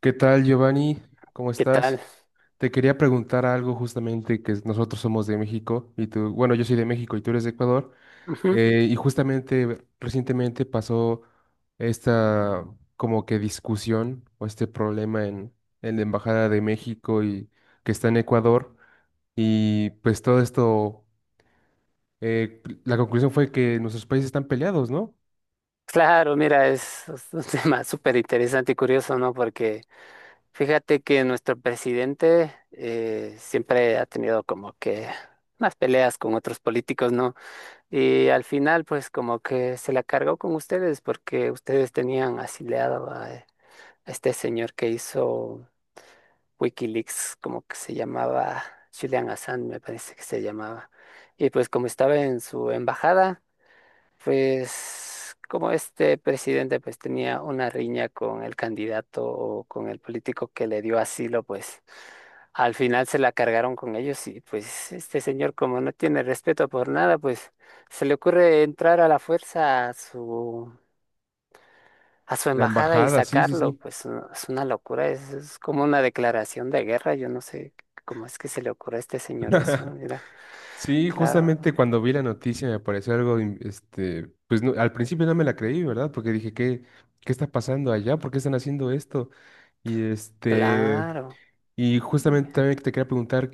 ¿Qué tal, Giovanni? ¿Cómo ¿Qué tal? estás? Te quería preguntar algo justamente que nosotros somos de México y tú, bueno, yo soy de México y tú eres de Ecuador, Ujú. Y justamente recientemente pasó esta como que discusión o este problema en la Embajada de México y que está en Ecuador y pues todo esto, la conclusión fue que nuestros países están peleados, ¿no? Claro, mira, es un tema súper interesante y curioso, ¿no? Porque fíjate que nuestro presidente siempre ha tenido como que unas peleas con otros políticos, ¿no? Y al final, pues como que se la cargó con ustedes porque ustedes tenían asilado a este señor que hizo WikiLeaks, como que se llamaba Julian Assange, me parece que se llamaba. Y pues como estaba en su embajada. Pues como este presidente pues tenía una riña con el candidato o con el político que le dio asilo, pues al final se la cargaron con ellos y pues este señor como no tiene respeto por nada, pues se le ocurre entrar a la fuerza a su La embajada y embajada, sí, sí, sacarlo, sí. pues no, es una locura, es como una declaración de guerra, yo no sé cómo es que se le ocurre a este señor eso, mira, Sí, claro, justamente cuando vi la noticia me pareció algo, pues al principio no me la creí, ¿verdad? Porque dije, ¿qué, qué está pasando allá? ¿Por qué están haciendo esto? Y este, claro. y justamente también te quería preguntar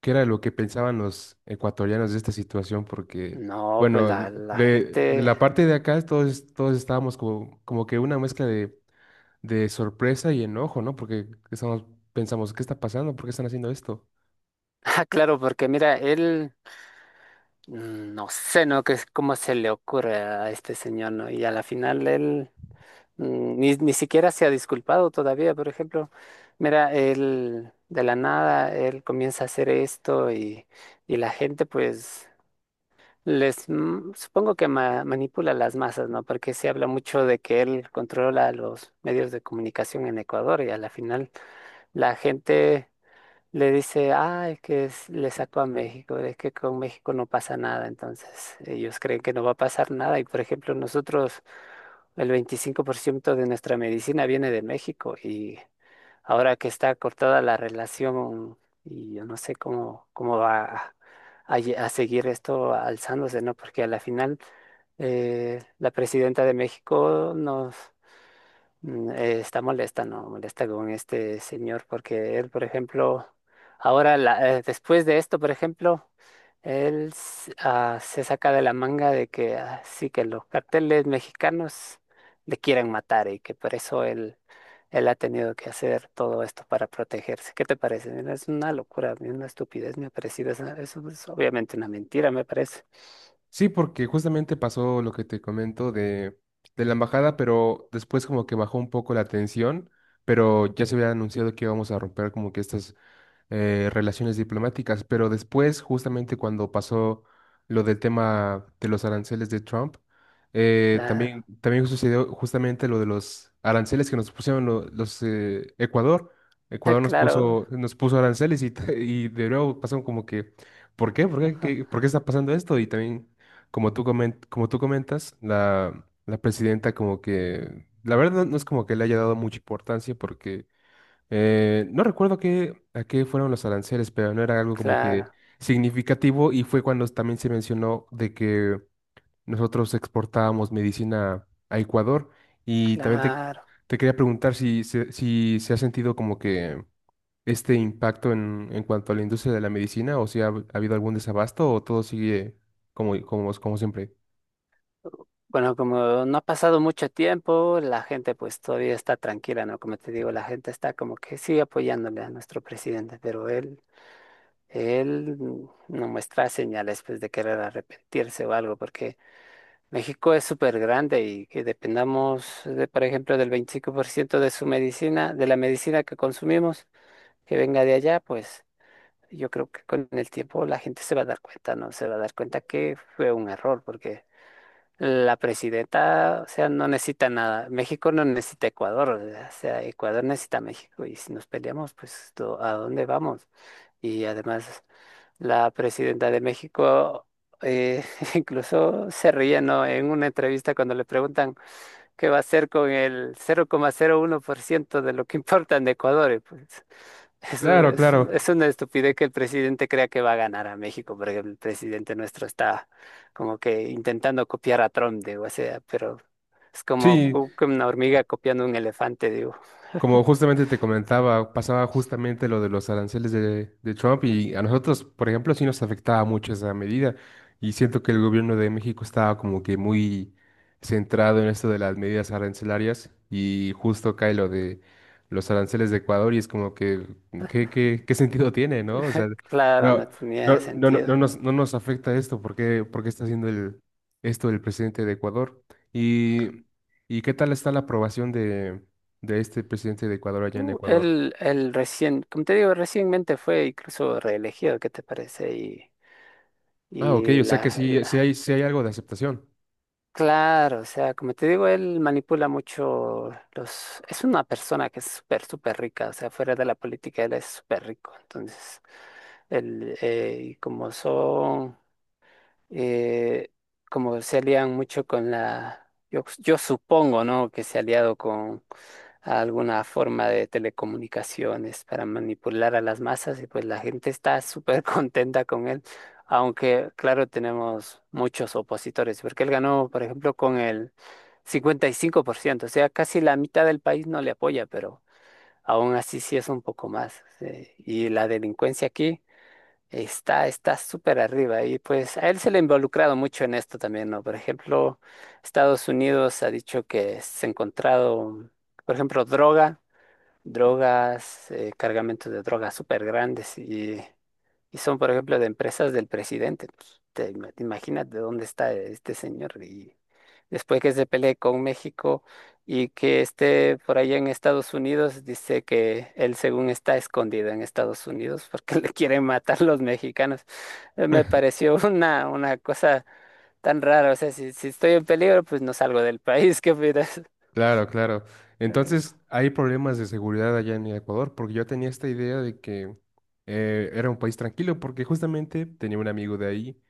qué era lo que pensaban los ecuatorianos de esta situación, porque, No, pues bueno, la de gente. la parte de acá todos, todos estábamos como, como que una mezcla de sorpresa y enojo, ¿no? Porque estamos, pensamos, ¿qué está pasando? ¿Por qué están haciendo esto? Ah, claro, porque mira, él, no sé, ¿no? Que es cómo se le ocurre a este señor, ¿no? Y a la final él ni siquiera se ha disculpado todavía. Por ejemplo, mira, él de la nada, él comienza a hacer esto y la gente, pues, les, supongo que manipula las masas, ¿no? Porque se habla mucho de que él controla los medios de comunicación en Ecuador y a la final la gente, le dice, ah, es que le sacó a México, es que con México no pasa nada, entonces ellos creen que no va a pasar nada y por ejemplo nosotros, el 25% de nuestra medicina viene de México y ahora que está cortada la relación y yo no sé cómo, cómo va a seguir esto alzándose, ¿no? Porque a la final la presidenta de México nos... Está molesta, ¿no? Molesta con este señor porque él, por ejemplo, ahora, después de esto, por ejemplo, se saca de la manga de que ah, sí, que los carteles mexicanos le quieren matar y que por eso él, él ha tenido que hacer todo esto para protegerse. ¿Qué te parece? Mira, es una locura, a mí una estupidez me ha parecido. Eso es obviamente una mentira, me parece. Sí, porque justamente pasó lo que te comento de la embajada, pero después como que bajó un poco la tensión, pero ya se había anunciado que íbamos a romper como que estas relaciones diplomáticas, pero después, justamente cuando pasó lo del tema de los aranceles de Trump, también, Claro, también sucedió justamente lo de los aranceles que nos pusieron Ecuador. Ecuador claro, nos puso aranceles y, y de nuevo pasaron como que, ¿por qué? ¿Por qué? ¿Por qué está pasando esto? Y también, como tú comentas, la presidenta como que, la verdad no es como que le haya dado mucha importancia porque no recuerdo qué, a qué fueron los aranceles, pero no era algo como que claro, significativo y fue cuando también se mencionó de que nosotros exportábamos medicina a Ecuador y también claro. te quería preguntar si, si se ha sentido como que este impacto en cuanto a la industria de la medicina o si ha, ha habido algún desabasto o todo sigue como, como, como siempre. Bueno, como no ha pasado mucho tiempo, la gente pues todavía está tranquila, ¿no? Como te digo, la gente está como que sigue apoyándole a nuestro presidente, pero él no muestra señales pues de querer arrepentirse o algo, porque México es súper grande y que dependamos de, por ejemplo, del 25% de su medicina, de la medicina que consumimos, que venga de allá, pues yo creo que con el tiempo la gente se va a dar cuenta, ¿no? Se va a dar cuenta que fue un error, porque la presidenta, o sea, no necesita nada. México no necesita Ecuador, o sea, Ecuador necesita a México. Y si nos peleamos, pues, ¿a dónde vamos? Y además, la presidenta de México eh, incluso se ríe, ¿no? En una entrevista cuando le preguntan, ¿qué va a hacer con el 0,01% de lo que importa en Ecuador? Y pues eso Claro, claro. es una estupidez que el presidente crea que va a ganar a México, porque el presidente nuestro está como que intentando copiar a Trump, digo, o sea, pero es como Sí, que una hormiga copiando un elefante, digo. como justamente te comentaba, pasaba justamente lo de los aranceles de Trump y a nosotros, por ejemplo, sí nos afectaba mucho esa medida y siento que el gobierno de México estaba como que muy centrado en esto de las medidas arancelarias y justo cae lo de los aranceles de Ecuador y es como que, ¿qué, qué, qué sentido tiene, no? O sea, Claro, no no, no, tenía no, no, sentido. No nos afecta esto, por qué está haciendo esto el presidente de Ecuador? Y, ¿Y qué tal está la aprobación de este presidente de Ecuador allá en Ecuador? él recién, como te digo, recientemente fue incluso reelegido, ¿qué te parece? Ah, ok, y o sea que la, sí, la- sí hay algo de aceptación. Claro, o sea, como te digo, él manipula mucho los... Es una persona que es súper, súper rica, o sea, fuera de la política él es súper rico. Entonces, él, y eh, como se alían mucho con la, yo supongo, ¿no? Que se ha aliado con alguna forma de telecomunicaciones para manipular a las masas y pues la gente está súper contenta con él, aunque claro, tenemos muchos opositores, porque él ganó, por ejemplo, con el 55%, o sea, casi la mitad del país no le apoya, pero aún así sí es un poco más. Y la delincuencia aquí. Está súper arriba y pues a él se le ha involucrado mucho en esto también, ¿no? Por ejemplo, Estados Unidos ha dicho que se ha encontrado, por ejemplo, droga, drogas, cargamentos de drogas súper grandes. Y son, por ejemplo, de empresas del presidente. Pues, te imaginas de dónde está este señor. Y después que se pelee con México y que esté por allá en Estados Unidos, dice que él, según está escondido en Estados Unidos porque le quieren matar los mexicanos. Me pareció una cosa tan rara. O sea, si estoy en peligro, pues no salgo del país. ¿Qué opinas? Claro, claro. Eh, Entonces, ¿hay problemas de seguridad allá en Ecuador? Porque yo tenía esta idea de que era un país tranquilo, porque justamente tenía un amigo de ahí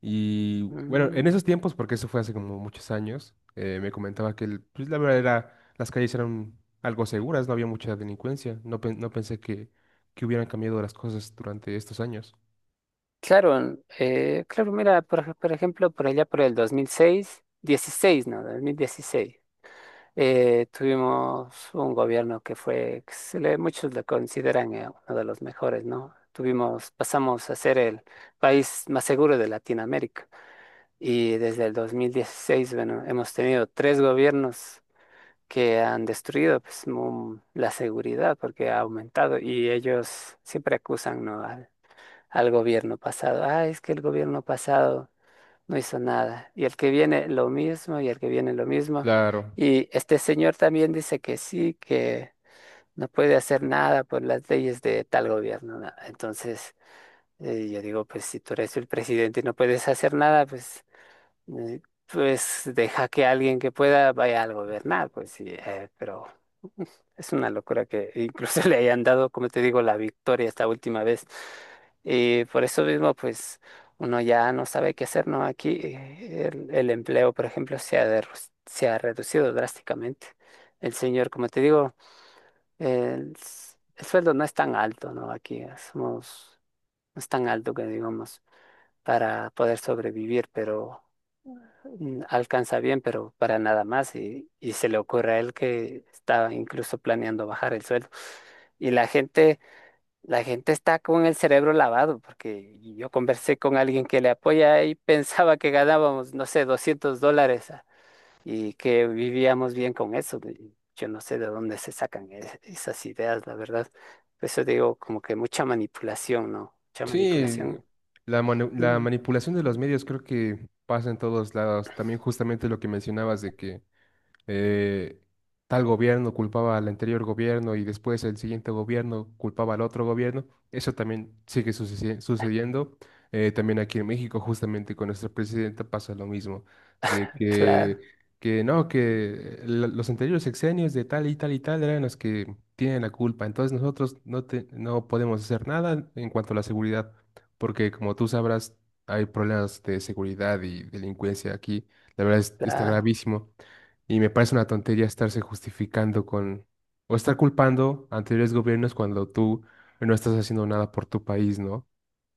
y, bueno, mm. en esos tiempos, porque eso fue hace como muchos años, me comentaba que, pues, la verdad era, las calles eran algo seguras, no había mucha delincuencia. No, no pensé que hubieran cambiado las cosas durante estos años. Claro, claro, mira, por ejemplo, por allá por el 2006, 16, no, 2016, tuvimos un gobierno que muchos lo consideran uno de los mejores, ¿no? Tuvimos, pasamos a ser el país más seguro de Latinoamérica y desde el 2016, bueno, hemos tenido tres gobiernos que han destruido pues, la seguridad porque ha aumentado y ellos siempre acusan, ¿no?, al gobierno pasado. Ah, es que el gobierno pasado no hizo nada. Y el que viene lo mismo, y el que viene lo mismo. Claro. Y este señor también dice que sí, que no puede hacer nada por las leyes de tal gobierno. Nada. Entonces, yo digo, pues si tú eres el presidente y no puedes hacer nada, pues, eh, pues deja que alguien que pueda vaya a gobernar, pues sí, pero es una locura que incluso le hayan dado, como te digo, la victoria esta última vez. Y por eso mismo, pues uno ya no sabe qué hacer, ¿no? Aquí el empleo, por ejemplo, se ha reducido drásticamente. El señor, como te digo, el sueldo no es tan alto, ¿no? Aquí somos, no es tan alto que digamos para poder sobrevivir, pero alcanza bien, pero para nada más. Y se le ocurre a él que estaba incluso planeando bajar el sueldo. Y la gente está con el cerebro lavado, porque yo conversé con alguien que le apoya y pensaba que ganábamos, no sé, $200, ah, y que vivíamos bien con eso. Y yo no sé de dónde se sacan esas ideas, la verdad. Por eso digo, como que mucha manipulación, ¿no? Mucha Sí, manipulación. la, la Mm, manipulación de los medios creo que pasa en todos lados. También justamente lo que mencionabas de que eh, tal gobierno culpaba al anterior gobierno y después el siguiente gobierno culpaba al otro gobierno. Eso también sigue sucediendo. También aquí en México, justamente con nuestra presidenta, pasa lo mismo, de claro, que no, que los anteriores sexenios de tal y tal y tal eran los que tienen la culpa. Entonces nosotros no, no podemos hacer nada en cuanto a la seguridad, porque como tú sabrás, hay problemas de seguridad y delincuencia aquí. La verdad está claro. gravísimo. Y me parece una tontería estarse justificando con o estar culpando a anteriores gobiernos cuando tú no estás haciendo nada por tu país, ¿no?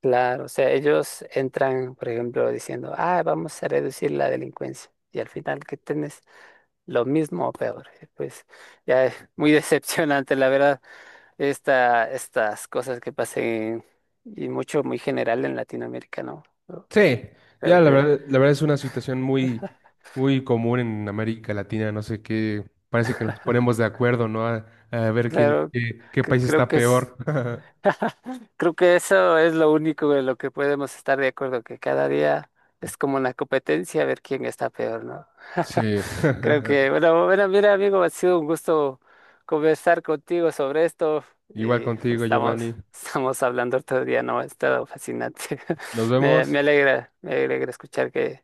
Claro, o sea, ellos entran, por ejemplo, diciendo, ah, vamos a reducir la delincuencia. Y al final que tienes lo mismo o peor. Pues ya es muy decepcionante, la verdad, estas cosas que pasen y mucho, muy general en Latinoamérica, ¿no? Yo Sí, ya Creo que, la verdad es una situación muy, muy común en América Latina, no sé qué, parece que nos ponemos de acuerdo, ¿no? A ver quién, claro, qué, qué cre- país creo está que es, peor. creo que eso es lo único en lo que podemos estar de acuerdo, que cada día es como una competencia a ver quién está peor, ¿no? Sí, Creo que, bueno, bueno, mira, amigo, ha sido un gusto conversar contigo sobre esto igual y pues, contigo, estamos, Giovanni. estamos hablando otro día, ¿no? Ha estado fascinante. Nos Me vemos. alegra, me alegra escuchar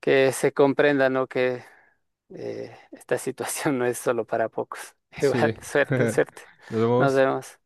que se comprenda, ¿no? Que esta situación no es solo para pocos. Igual, Sí, suerte, suerte. nos Nos vemos. vemos.